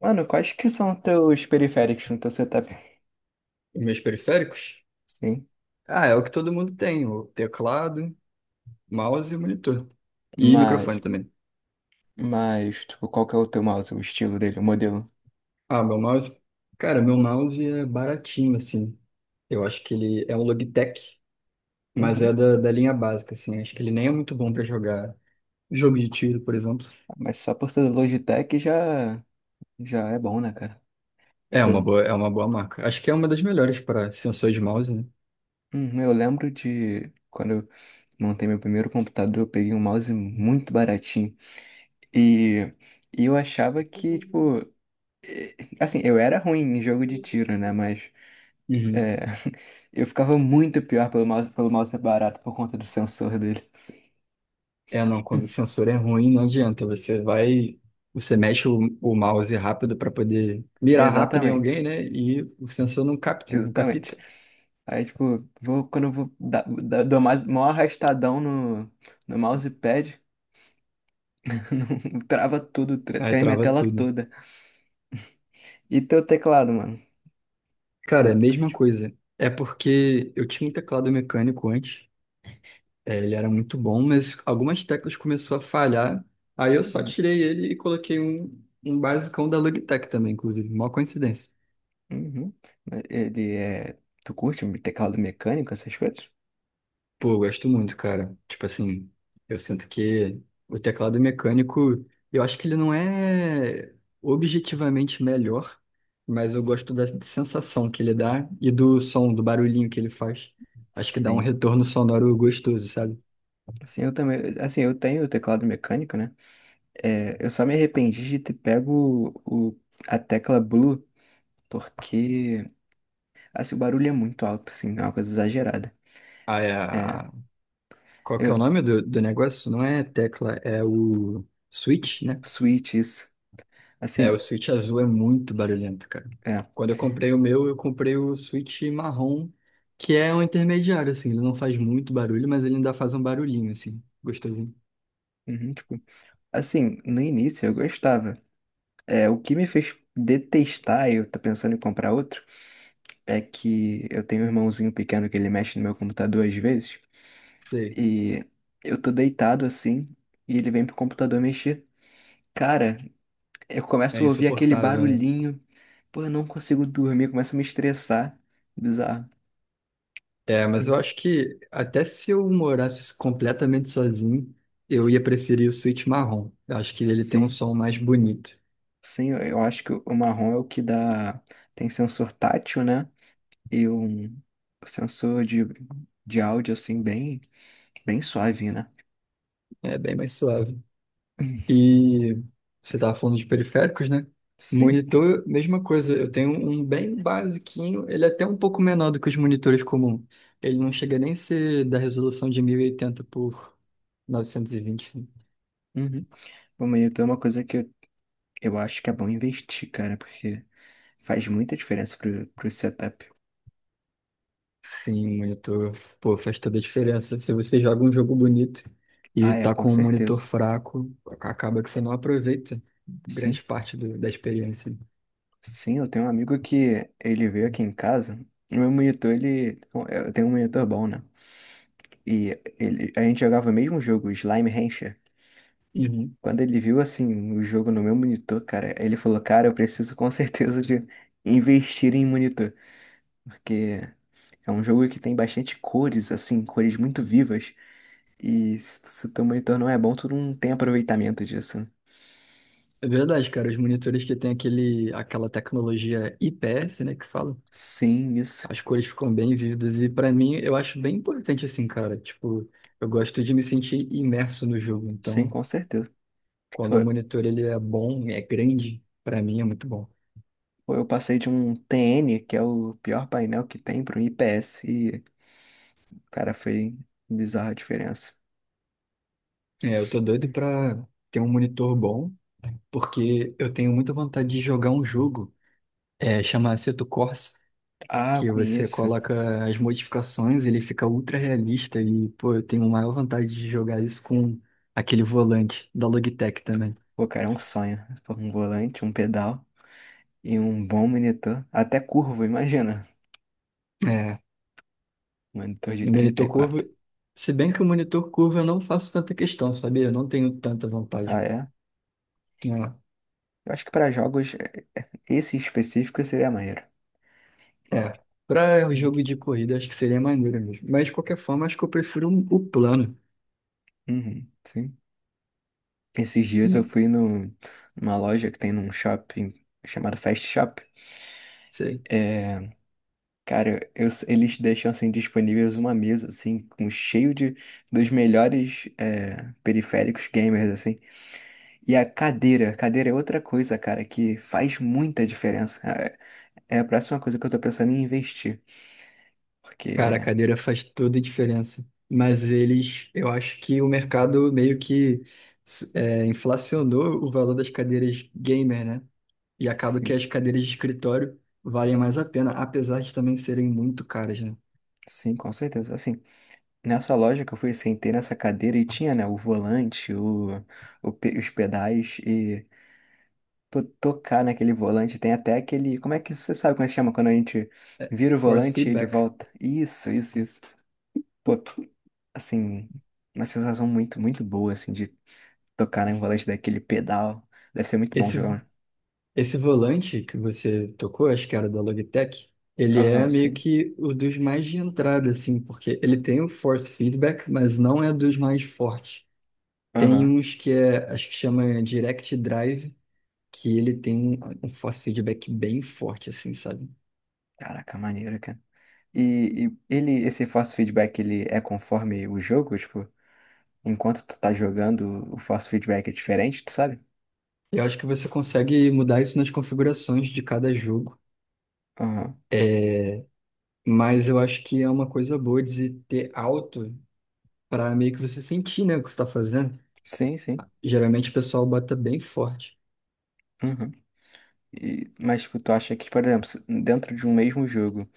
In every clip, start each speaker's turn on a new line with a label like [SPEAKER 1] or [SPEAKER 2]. [SPEAKER 1] Mano, quais que são teus periféricos no teu setup?
[SPEAKER 2] Os meus periféricos?
[SPEAKER 1] Sim,
[SPEAKER 2] Ah, é o que todo mundo tem, o teclado, mouse e monitor. E microfone
[SPEAKER 1] mas,
[SPEAKER 2] também.
[SPEAKER 1] mas, tipo, qual que é o teu mouse, o estilo dele, o modelo?
[SPEAKER 2] Ah, meu mouse? Cara, meu mouse é baratinho, assim. Eu acho que ele é um Logitech, mas é
[SPEAKER 1] Uhum.
[SPEAKER 2] da linha básica, assim. Acho que ele nem é muito bom pra jogar jogo de tiro, por exemplo.
[SPEAKER 1] Mas só por ser Logitech já é bom, né, cara?
[SPEAKER 2] É uma
[SPEAKER 1] Tipo,
[SPEAKER 2] boa, é uma boa marca. Acho que é uma das melhores para sensor de mouse, né?
[SPEAKER 1] uhum, eu lembro de quando eu montei meu primeiro computador, eu peguei um mouse muito baratinho. E, e eu achava que, tipo, assim, eu era ruim em jogo de tiro, né, mas
[SPEAKER 2] Uhum.
[SPEAKER 1] é, eu ficava muito pior pelo mouse barato por conta do sensor dele.
[SPEAKER 2] É, não, quando o sensor é ruim, não adianta. Você mexe o mouse rápido para poder mirar rápido em
[SPEAKER 1] Exatamente.
[SPEAKER 2] alguém, né? E o sensor não capta, não capta.
[SPEAKER 1] Exatamente. Aí, tipo, quando eu vou dou mais, maior arrastadão no mousepad, trava tudo,
[SPEAKER 2] Aí
[SPEAKER 1] treme a
[SPEAKER 2] trava
[SPEAKER 1] tela
[SPEAKER 2] tudo.
[SPEAKER 1] toda. E teu teclado, mano? Tu,
[SPEAKER 2] Cara, é a mesma coisa. É porque eu tinha um teclado mecânico antes, ele era muito bom, mas algumas teclas começou a falhar. Aí eu só tirei ele e coloquei um basicão da Logitech também, inclusive. Mó coincidência.
[SPEAKER 1] uhum. Ele é. Tu curte um teclado mecânico, essas coisas?
[SPEAKER 2] Pô, eu gosto muito, cara. Tipo assim, eu sinto que o teclado mecânico, eu acho que ele não é objetivamente melhor, mas eu gosto da sensação que ele dá e do som, do barulhinho que ele faz. Acho que dá um
[SPEAKER 1] Sim.
[SPEAKER 2] retorno sonoro gostoso, sabe?
[SPEAKER 1] Assim, eu também. Assim, eu tenho o teclado mecânico, né? É, eu só me arrependi de ter pego a tecla blue, porque assim, o barulho é muito alto, assim, é uma coisa exagerada.
[SPEAKER 2] Ah, é
[SPEAKER 1] É,
[SPEAKER 2] a- Qual que é
[SPEAKER 1] eu,
[SPEAKER 2] o nome do negócio? Não é tecla, é o switch, né?
[SPEAKER 1] switch isso.
[SPEAKER 2] É, o
[SPEAKER 1] Assim,
[SPEAKER 2] Switch azul é muito barulhento, cara.
[SPEAKER 1] é.
[SPEAKER 2] Quando eu comprei o meu, eu comprei o Switch marrom, que é um intermediário, assim. Ele não faz muito barulho, mas ele ainda faz um barulhinho, assim, gostosinho.
[SPEAKER 1] Uhum, tipo, assim, no início eu gostava. É, o que me fez detestar, eu tô pensando em comprar outro, é que eu tenho um irmãozinho pequeno que ele mexe no meu computador às vezes,
[SPEAKER 2] Sei,
[SPEAKER 1] e eu tô deitado assim, e ele vem pro computador mexer. Cara, eu
[SPEAKER 2] é
[SPEAKER 1] começo a ouvir aquele
[SPEAKER 2] insuportável, né?
[SPEAKER 1] barulhinho. Pô, eu não consigo dormir, começa a me estressar. Bizarro.
[SPEAKER 2] É, mas
[SPEAKER 1] Hum.
[SPEAKER 2] eu acho que até se eu morasse completamente sozinho, eu ia preferir o Switch marrom. Eu acho que ele tem um
[SPEAKER 1] Sim,
[SPEAKER 2] som mais bonito.
[SPEAKER 1] sim, eu acho que o marrom é o que dá. Tem sensor tátil, né? E um sensor de áudio, assim, bem, bem suave, né?
[SPEAKER 2] É bem mais suave.
[SPEAKER 1] Hum.
[SPEAKER 2] E você estava falando de periféricos, né?
[SPEAKER 1] Sim.
[SPEAKER 2] Monitor, mesma coisa. Eu tenho um bem basiquinho, ele é até um pouco menor do que os monitores comuns. Ele não chega nem a ser da resolução de 1080 por 920, né?
[SPEAKER 1] Uhum. Bom, mas então é uma coisa que eu acho que é bom investir, cara, porque faz muita diferença pro setup.
[SPEAKER 2] Sim, o monitor, pô, faz toda a diferença. Se você joga um jogo bonito e
[SPEAKER 1] Ah, é,
[SPEAKER 2] tá
[SPEAKER 1] com
[SPEAKER 2] com um monitor
[SPEAKER 1] certeza.
[SPEAKER 2] fraco, acaba que você não aproveita
[SPEAKER 1] Sim.
[SPEAKER 2] grande parte da experiência.
[SPEAKER 1] Sim, eu tenho um amigo que ele veio aqui em casa. O meu monitor, ele. Eu tenho um monitor bom, né? E ele... a gente jogava o mesmo jogo, Slime Rancher.
[SPEAKER 2] Uhum.
[SPEAKER 1] Quando ele viu, assim, o jogo no meu monitor, cara, ele falou: "Cara, eu preciso com certeza de investir em monitor." Porque é um jogo que tem bastante cores, assim, cores muito vivas. E se o teu monitor não é bom, tu não tem aproveitamento disso.
[SPEAKER 2] É verdade, cara. Os monitores que tem aquela tecnologia IPS, né, que fala,
[SPEAKER 1] Sim, isso.
[SPEAKER 2] as cores ficam bem vívidas e pra mim eu acho bem importante assim, cara. Tipo, eu gosto de me sentir imerso no jogo,
[SPEAKER 1] Sim,
[SPEAKER 2] então
[SPEAKER 1] com certeza.
[SPEAKER 2] quando o monitor ele é bom, é grande, pra mim é muito bom.
[SPEAKER 1] Pô, eu passei de um TN, que é o pior painel que tem, para um IPS. E, cara, foi bizarra a diferença.
[SPEAKER 2] É, eu tô doido pra ter um monitor bom, porque eu tenho muita vontade de jogar um jogo, chama Assetto Corsa,
[SPEAKER 1] Ah, eu
[SPEAKER 2] que você
[SPEAKER 1] conheço.
[SPEAKER 2] coloca as modificações, ele fica ultra realista e, pô, eu tenho maior vontade de jogar isso com aquele volante da Logitech também.
[SPEAKER 1] Pô, cara, é um sonho. Pô, um volante, um pedal e um bom monitor. Até curvo, imagina.
[SPEAKER 2] É,
[SPEAKER 1] Monitor de
[SPEAKER 2] no
[SPEAKER 1] trinta e
[SPEAKER 2] monitor curvo,
[SPEAKER 1] quatro
[SPEAKER 2] se bem que o monitor curvo eu não faço tanta questão, sabia? Eu não tenho tanta
[SPEAKER 1] Ah,
[SPEAKER 2] vontade,
[SPEAKER 1] é?
[SPEAKER 2] né?
[SPEAKER 1] Eu acho que para jogos, esse específico seria maneiro.
[SPEAKER 2] É, para o
[SPEAKER 1] Uhum,
[SPEAKER 2] jogo de corrida acho que seria maneiro mesmo. Mas de qualquer forma, acho que eu prefiro um, o plano.
[SPEAKER 1] uhum, sim. Esses dias eu
[SPEAKER 2] Hum.
[SPEAKER 1] fui no, numa loja que tem num shopping chamado Fast Shop.
[SPEAKER 2] Sei.
[SPEAKER 1] É, cara, eles deixam assim disponíveis uma mesa assim com cheio de dos melhores é, periféricos gamers assim. E a cadeira é outra coisa, cara, que faz muita diferença. É a próxima coisa que eu tô pensando em investir,
[SPEAKER 2] Cara, a
[SPEAKER 1] porque
[SPEAKER 2] cadeira faz toda a diferença. Mas eles, eu acho que o mercado meio que inflacionou o valor das cadeiras gamer, né? E acaba que
[SPEAKER 1] sim,
[SPEAKER 2] as cadeiras de escritório valem mais a pena, apesar de também serem muito caras, né?
[SPEAKER 1] sim, com certeza. Assim, nessa loja que eu fui, sentei nessa cadeira e tinha, né, o volante, os pedais. Pô, tocar naquele volante. Tem até aquele. Como é que você sabe como é que chama? Quando a gente vira o
[SPEAKER 2] Force
[SPEAKER 1] volante e ele
[SPEAKER 2] feedback.
[SPEAKER 1] volta. Isso, isso, isso. Pô, assim, uma sensação muito, muito boa, assim, de tocar em um volante daquele pedal. Deve ser muito bom
[SPEAKER 2] Esse
[SPEAKER 1] jogar.
[SPEAKER 2] Esse volante que você tocou, acho que era da Logitech, ele
[SPEAKER 1] Um.
[SPEAKER 2] é
[SPEAKER 1] Aham,
[SPEAKER 2] meio
[SPEAKER 1] sim.
[SPEAKER 2] que o dos mais de entrada, assim, porque ele tem o force feedback, mas não é dos mais fortes. Tem
[SPEAKER 1] Aham.
[SPEAKER 2] uns que é, acho que chama Direct Drive, que ele tem um force feedback bem forte, assim, sabe?
[SPEAKER 1] Caraca, maneiro, cara. E ele, esse force feedback, ele é conforme o jogo? Tipo, enquanto tu tá jogando, o force feedback é diferente, tu sabe?
[SPEAKER 2] Eu acho que você consegue mudar isso nas configurações de cada jogo.
[SPEAKER 1] Aham.
[SPEAKER 2] É, mas eu acho que é uma coisa boa de se ter alto para meio que você sentir, né, o que você está fazendo.
[SPEAKER 1] Sim, sim.
[SPEAKER 2] Geralmente o pessoal bota bem forte.
[SPEAKER 1] Uhum. E- mas tipo, tu acha que, por exemplo, se- dentro de um mesmo jogo,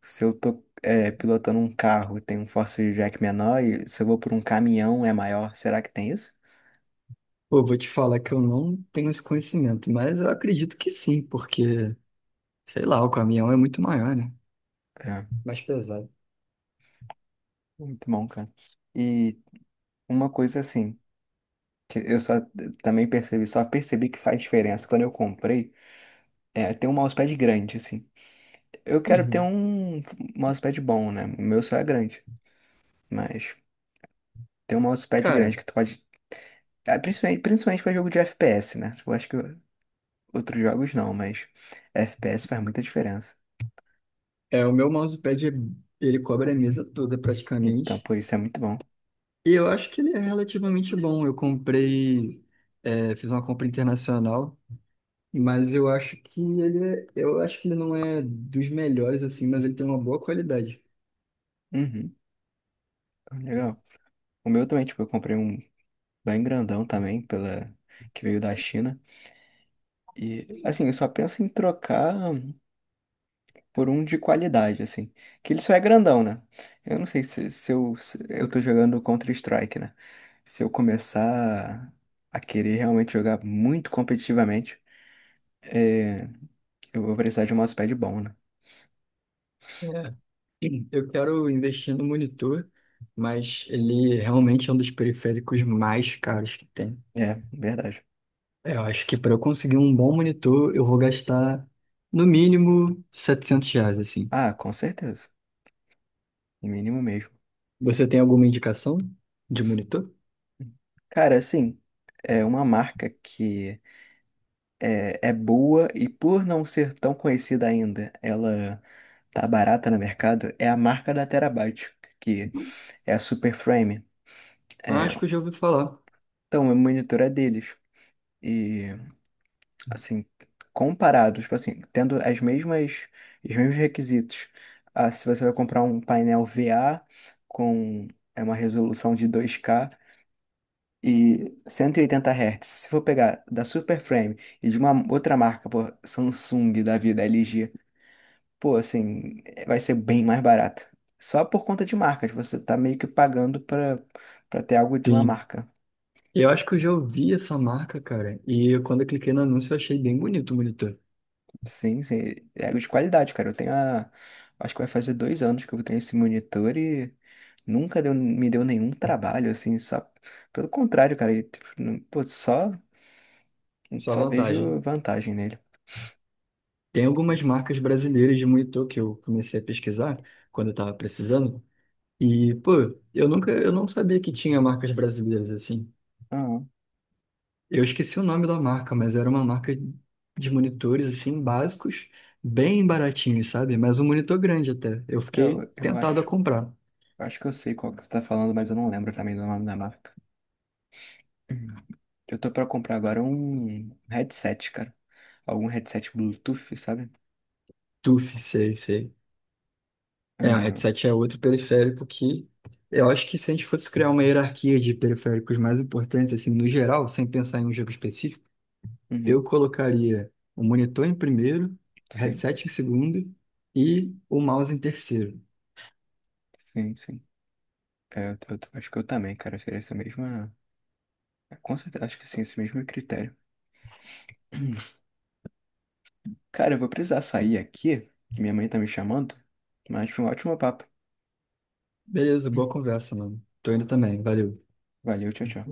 [SPEAKER 1] se eu tô é, pilotando um carro, tem um Force Jack menor, e se eu vou por um caminhão é maior, será que tem isso?
[SPEAKER 2] Pô, vou te falar que eu não tenho esse conhecimento, mas eu acredito que sim, porque, sei lá, o caminhão é muito maior, né?
[SPEAKER 1] É,
[SPEAKER 2] Mais pesado.
[SPEAKER 1] muito bom, cara. E uma coisa assim, que eu só também percebi, só percebi que faz diferença quando eu comprei, é ter um mousepad grande, assim. Eu quero ter
[SPEAKER 2] Uhum.
[SPEAKER 1] um mousepad bom, né? O meu só é grande, mas ter um mousepad grande
[SPEAKER 2] Cara,
[SPEAKER 1] que tu pode. Ah, principalmente, principalmente para jogo de FPS, né? Eu acho que outros jogos não, mas FPS faz muita diferença.
[SPEAKER 2] o meu mousepad, ele cobre a mesa toda
[SPEAKER 1] Então,
[SPEAKER 2] praticamente,
[SPEAKER 1] pô, isso é muito bom.
[SPEAKER 2] e eu acho que ele é relativamente bom. Eu comprei, fiz uma compra internacional, mas eu acho que ele não é dos melhores, assim, mas ele tem uma boa qualidade.
[SPEAKER 1] Uhum, legal. O meu também, tipo, eu comprei um bem grandão também, pela... que veio da China. E, assim, eu só penso em trocar por um de qualidade, assim. Que ele só é grandão, né? Eu não sei se se eu tô jogando Counter-Strike, né? Se eu começar a querer realmente jogar muito competitivamente, é, eu vou precisar de um mousepad bom, né?
[SPEAKER 2] É. Eu quero investir no monitor, mas ele realmente é um dos periféricos mais caros que tem.
[SPEAKER 1] É, verdade.
[SPEAKER 2] É, eu acho que para eu conseguir um bom monitor, eu vou gastar no mínimo R$ 700, assim.
[SPEAKER 1] Ah, com certeza. O mínimo mesmo.
[SPEAKER 2] Você tem alguma indicação de monitor?
[SPEAKER 1] Cara, assim, é uma marca que é boa e por não ser tão conhecida ainda, ela tá barata no mercado, é a marca da Terabyte, que é a Superframe. É,
[SPEAKER 2] Acho que eu já ouvi falar.
[SPEAKER 1] então, o monitor é deles. E, assim, comparado, tipo assim, tendo as mesmas, os mesmos requisitos. Ah, se você vai comprar um painel VA com é uma resolução de 2K, e 180 Hz. Se for pegar da Super Frame e de uma outra marca, pô, Samsung da vida, LG, pô, assim, vai ser bem mais barato. Só por conta de marcas, você tá meio que pagando pra ter algo de uma
[SPEAKER 2] Sim.
[SPEAKER 1] marca.
[SPEAKER 2] Eu acho que eu já ouvi essa marca, cara. E quando eu cliquei no anúncio, eu achei bem bonito o monitor.
[SPEAKER 1] Sim, sim, é algo de qualidade, cara. Eu tenho a. Acho que vai fazer 2 anos que eu tenho esse monitor e nunca deu, me deu nenhum trabalho, assim, só. Pelo contrário, cara, e, tipo, não- pô, só,
[SPEAKER 2] Só
[SPEAKER 1] só
[SPEAKER 2] vantagem.
[SPEAKER 1] vejo vantagem nele.
[SPEAKER 2] Tem algumas marcas brasileiras de monitor que eu comecei a pesquisar quando eu tava precisando. E, pô, eu nunca, eu não sabia que tinha marcas brasileiras assim.
[SPEAKER 1] Aham.
[SPEAKER 2] Eu esqueci o nome da marca, mas era uma marca de monitores assim básicos, bem baratinhos, sabe? Mas um monitor grande até. Eu
[SPEAKER 1] Cara,
[SPEAKER 2] fiquei
[SPEAKER 1] eu
[SPEAKER 2] tentado a
[SPEAKER 1] acho.
[SPEAKER 2] comprar.
[SPEAKER 1] Eu Acho que eu sei qual que você tá falando, mas eu não lembro também do nome da marca. Eu tô pra comprar agora um headset, cara. Algum headset Bluetooth, sabe?
[SPEAKER 2] TUF, sei, sei. É, o
[SPEAKER 1] Ah,
[SPEAKER 2] headset é outro periférico que eu acho que se a gente fosse criar uma hierarquia de periféricos mais importantes assim no geral, sem pensar em um jogo específico, eu
[SPEAKER 1] uhum.
[SPEAKER 2] colocaria o monitor em primeiro, o
[SPEAKER 1] Sim,
[SPEAKER 2] headset em segundo e o mouse em terceiro.
[SPEAKER 1] sim, sim. É, eu, acho que eu também, cara. Seria essa mesma. É, com certeza, acho que sim, esse mesmo critério. Cara, eu vou precisar sair aqui, que minha mãe tá me chamando. Mas foi um ótimo papo.
[SPEAKER 2] Beleza, boa conversa, mano. Tô indo também, valeu.
[SPEAKER 1] Valeu, tchau, tchau.